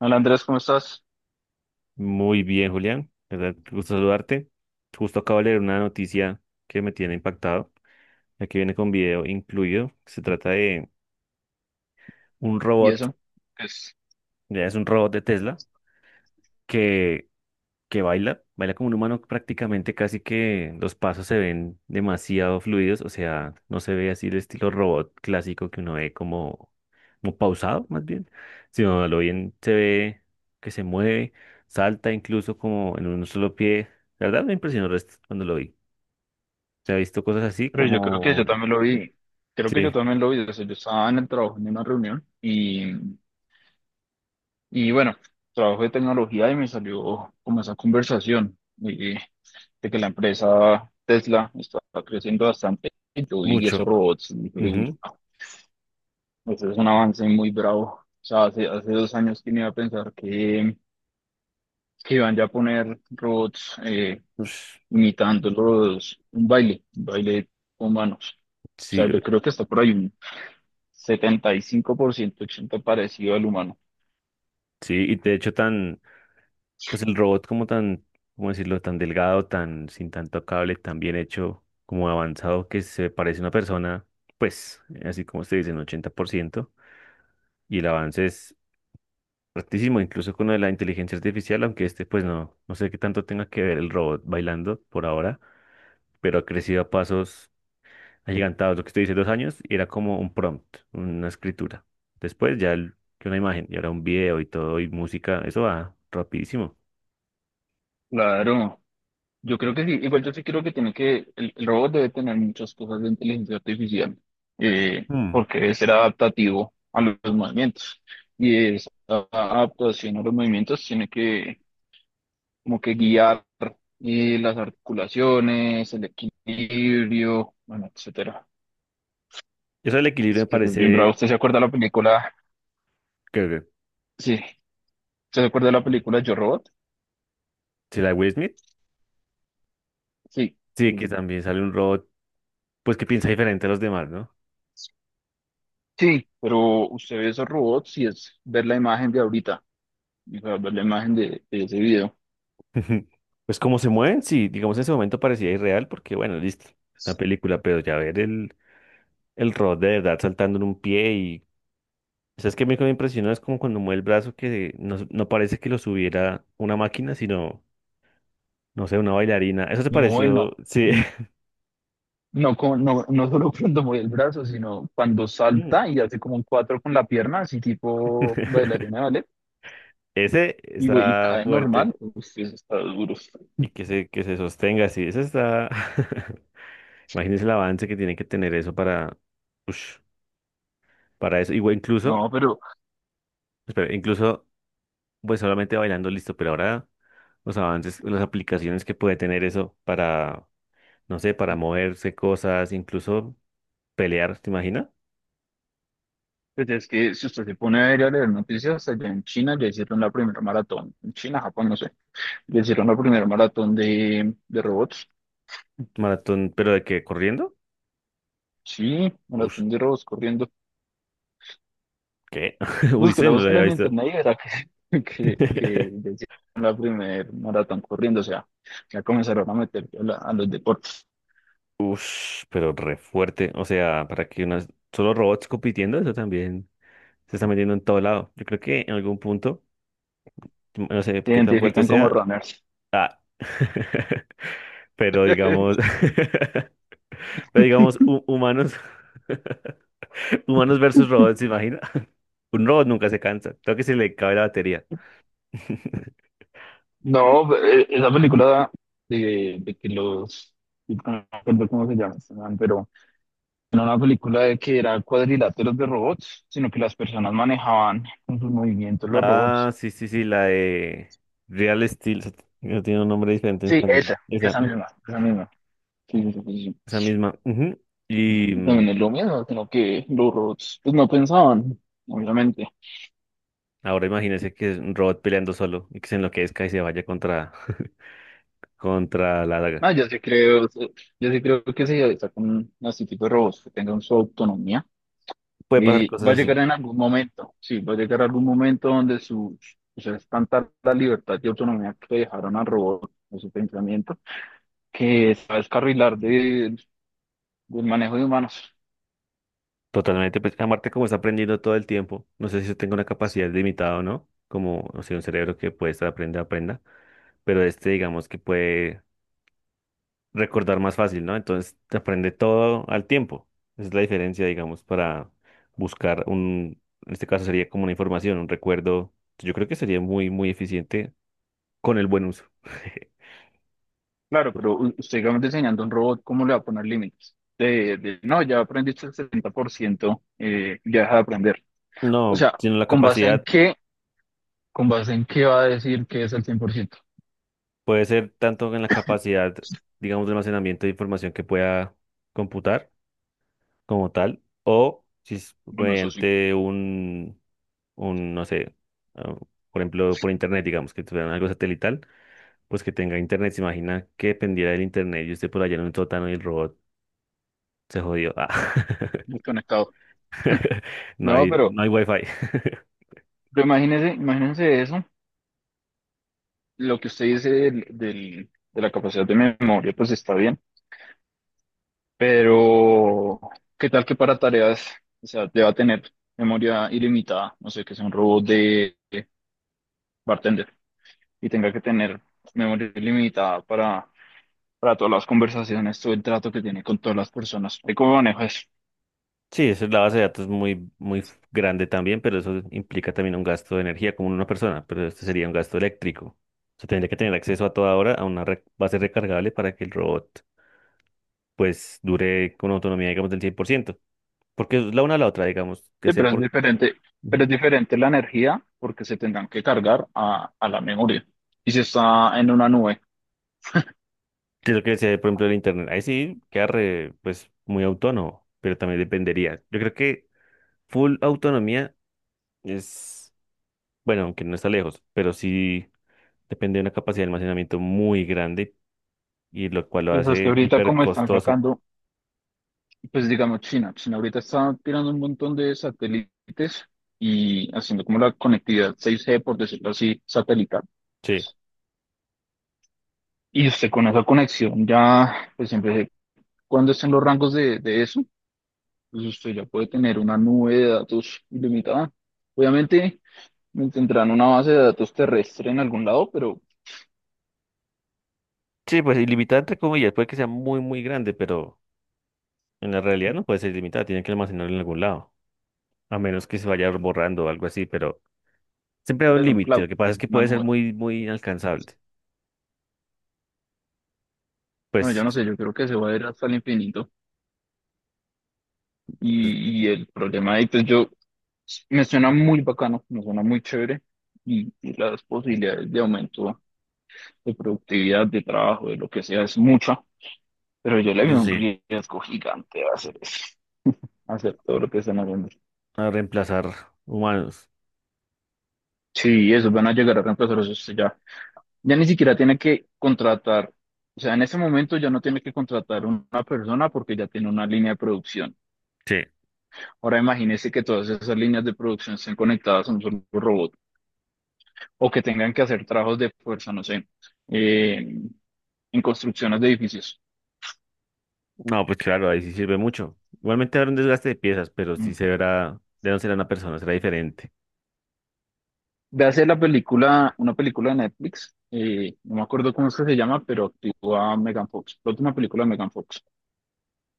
Hola Andrés, ¿cómo estás? Muy bien, Julián. La ¿Verdad? Gusto saludarte. Justo acabo de leer una noticia que me tiene impactado. Aquí viene con video incluido. Se trata de un ¿Y robot, eso? Pues, ya es un robot de Tesla, que que baila, baila como un humano prácticamente, casi que los pasos se ven demasiado fluidos, o sea, no se ve así el estilo robot clásico que uno ve como, como pausado más bien, sino a lo bien se ve que se mueve, salta incluso como en un solo pie. La verdad me impresionó cuando lo vi. Se ha visto cosas así pero yo creo que yo como... también lo Ujú. vi, creo que yo Sí, también lo vi, o sea, yo estaba en el trabajo, en una reunión, y bueno, trabajo de tecnología y me salió como esa conversación y- de que la empresa Tesla está creciendo bastante, y yo vi mucho. esos robots, y dije, uy, Ujú. ese es un avance muy bravo, o sea, hace 2 años que no iba a pensar que iban ya a poner robots Ush, imitándolos, un baile con manos. O Sí, sea, yo creo que está por ahí un 75%, 80% parecido al humano. sí, y de hecho tan... Pues el robot como tan, ¿cómo decirlo? Tan delgado, tan sin tanto cable, tan bien hecho, como avanzado que se parece a una persona, pues así como se dice, en 80%. Y el avance es altísimo, incluso con lo de la inteligencia artificial, aunque este pues no, no sé qué tanto tenga que ver el robot bailando por ahora, pero ha crecido a pasos agigantados. Lo que usted dice, dos años, y era como un prompt, una escritura. Después ya una imagen, y ahora un video y todo, y música, eso va rapidísimo. Claro, yo creo que sí, igual yo sí creo que tiene que, el robot debe tener muchas cosas de inteligencia artificial, Hmm. porque debe ser adaptativo a los movimientos. Y esa adaptación a los movimientos tiene que, como que guiar las articulaciones, el equilibrio, bueno, etcétera. Eso del equilibrio Es me que es bien bravo. parece ¿Usted se acuerda de la película? creo que. Sí. ¿Usted se acuerda de la película Yo Robot? Sí, la de Will Smith. Sí. Sí, que Mm. también sale un robot, pues que piensa diferente a los demás, ¿no? Sí. Pero usted ve esos robots y es ver la imagen de ahorita. O sea, ver la imagen de ese video. Pues cómo se mueven, sí, digamos en ese momento parecía irreal porque, bueno, listo, es una película, pero ya ver el robot de verdad saltando en un pie y... ¿Sabes qué me impresionó? Es como cuando mueve el brazo que no, no parece que lo subiera una máquina, sino, no sé, una bailarina. Eso te No, bueno. pareció, sí. No, no, no, no solo cuando mueve el brazo, sino cuando Mm. salta y hace como un cuatro con la pierna, así tipo bailarina, ¿vale? Ese Y, y está cae normal. fuerte Usted está duro. y que se sostenga así, ese está... Imagínense el avance que tiene que tener eso para, ush, para eso. Igual incluso, No, pero espera, incluso, pues solamente bailando listo, pero ahora los avances, las aplicaciones que puede tener eso para, no sé, para moverse cosas, incluso pelear, ¿te imaginas? pues es que si usted se pone a ver y a leer noticias, allá en China ya hicieron la primera maratón. En China, Japón, no sé. Le hicieron la primera maratón de robots. Maratón, pero de que corriendo, Sí, ush, maratón de robots corriendo. ¿qué? Uy, sí, Búsquela, no lo búsquela había en visto. internet y verá que, que le hicieron la primera maratón corriendo. O sea, ya comenzaron a meter a los deportes. Ush, pero re fuerte. O sea, para que unas solo robots compitiendo, eso también se está metiendo en todo lado. Yo creo que en algún punto, no sé Se qué tan fuerte identifican como sea, runners. ah, pero digamos, pero digamos, humanos, humanos versus robots, ¿se imagina? Un robot nunca se cansa, creo que se le cabe la batería. No, esa película de, de que los... No recuerdo cómo se llama, este man, pero no era una película de que era cuadriláteros de robots, sino que las personas manejaban con sus movimientos los Ah, robots. sí, sí, sí, la de Real Steel, no tiene un nombre diferente en Sí, español. esa, Esa, esa ujú, misma, esa misma. Sí, sí, sí, esa misma. Ujú. Y sí. También es lo mismo, sino que los robots pues, no pensaban, obviamente. ahora imagínese que es un robot peleando solo y que se enloquezca y se vaya contra, contra la daga. Ah, yo sí creo que si sacan este tipo de robots que tengan su autonomía, Puede pasar y cosas va a así. llegar en algún momento, sí, va a llegar algún momento donde su, o sea, es tanta la libertad y autonomía que le dejaron al robot, o su pensamiento, que se va a descarrilar del manejo de humanos. Totalmente, pues Marte como está aprendiendo todo el tiempo, no sé si yo tengo una capacidad limitada o no, como, no sé, un cerebro que puede estar aprenda, aprenda, pero este digamos que puede recordar más fácil, ¿no? Entonces te aprende todo al tiempo. Esa es la diferencia, digamos, para buscar un, en este caso sería como una información, un recuerdo. Yo creo que sería muy, muy eficiente con el buen uso. Claro, pero usted, digamos, diseñando un robot, ¿cómo le va a poner límites? De, no, ya aprendiste el 70%, ya deja de aprender. O No, sea, sino la ¿con base en capacidad, qué? ¿Con base en qué va a decir que es el 100%? puede ser tanto en la capacidad, digamos, de almacenamiento de información que pueda computar como tal, o si es Bueno, eso sí, mediante un, no sé, ah, por ejemplo, por internet, digamos, que tuvieran algo satelital, pues que tenga internet. ¿Se imagina que dependiera del internet y usted por allá en un sótano y el robot se jodió? Ah. desconectado. No No, hay, no hay wifi. pero imagínese, imagínense eso, lo que usted dice de la capacidad de memoria, pues está bien, pero ¿qué tal que para tareas, o sea, te va a tener memoria ilimitada? No sé, que sea un robot de bartender. Y tenga que tener memoria limitada para todas las conversaciones, todo el trato que tiene con todas las personas. ¿De cómo manejo eso? Sí, eso es la base de datos muy, muy grande también, pero eso implica también un gasto de energía como en una persona, pero este sería un gasto eléctrico. O sea, tendría que tener acceso a toda hora a una base recargable para que el robot pues dure con autonomía, digamos, del 100% porque es la una a la otra, digamos, que Sí, sea por, pero ujú, es diferente la energía porque se tendrán que cargar a la memoria. Y si está en una nube, que lo que sea, por ejemplo, el internet, ahí sí queda re, pues muy autónomo, pero también dependería. Yo creo que full autonomía es, bueno, aunque no está lejos, pero sí depende de una capacidad de almacenamiento muy grande y lo cual lo pues es que hace ahorita hiper como están costoso. sacando, pues digamos China, China ahorita está tirando un montón de satélites y haciendo como la conectividad 6G, por decirlo así, satelital. Sí. Y usted con esa conexión ya, pues siempre, cuando estén los rangos de eso, pues usted ya puede tener una nube de datos ilimitada. Obviamente me tendrán una base de datos terrestre en algún lado, pero Sí, pues ilimitada entre comillas, puede que sea muy, muy grande, pero en la realidad no puede ser ilimitada, tiene que almacenarlo en algún lado, a menos que se vaya borrando o algo así, pero siempre hay un es un límite, lo cloud, que pasa es que una puede ser nube. muy, muy inalcanzable. Bueno, yo Pues, no sé, yo creo que se va a ir hasta el infinito. pues, Y el problema ahí, pues yo, me suena muy bacano, me suena muy chévere. Y las posibilidades de aumento de productividad, de trabajo, de lo que sea, es mucha. Pero yo le eso veo un sí, riesgo gigante a hacer eso, a hacer todo lo que están haciendo. a reemplazar humanos. Sí, eso van a llegar a reemplazar eso sí, ya. Ya ni siquiera tiene que contratar, o sea, en ese momento ya no tiene que contratar una persona porque ya tiene una línea de producción. Sí. Ahora imagínese que todas esas líneas de producción estén conectadas a un solo robot o que tengan que hacer trabajos de fuerza, no sé, eh, en construcciones de edificios. No, pues claro, ahí sí sirve mucho. Igualmente habrá un desgaste de piezas, pero sí Mm. se verá, ya no será una persona, será diferente. Véase la película, una película de Netflix, no me acuerdo cómo es que se llama, pero actúa Megan Fox, la última película de Megan Fox.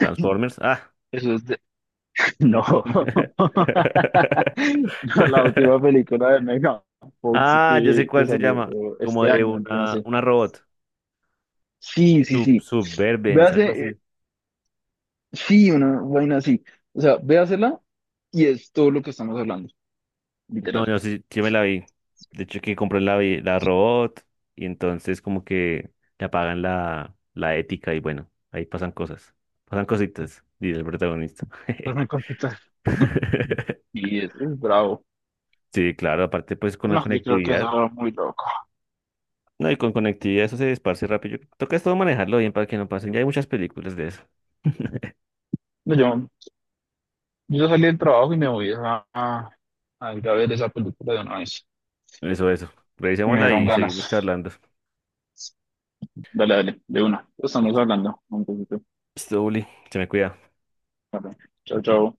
Transformers, ah. Eso es de- No, no, la última película de Megan Fox Ah, ya sé que cuál se salió llama, como este de año, yo no sé. una robot. Sí, sí, Sub, sí. Suburbans, Véase, algo así. sí, una vaina así. O sea, véasela y es todo lo que estamos hablando, No, literal. yo sí, yo me la vi. De hecho, que compró la, la robot y entonces como que le apagan la, la ética y bueno, ahí pasan cosas. Pasan cositas, dice el protagonista. Pues me contestas. Y es bravo. Sí, claro, aparte pues con la No, yo creo que eso conectividad. era muy loco. No, y con conectividad eso se esparce rápido. Toca es todo manejarlo bien para que no pasen. Ya hay muchas películas de eso. No, yo salí del trabajo y me voy a ir a ver esa película de una vez. Eso, eso. Me Revisémosla dieron y seguimos ganas. charlando. Dale, dale, de una. Estamos Esto, hablando un poquito. esto, Uli, se me cuida. Vale. Chau, chau.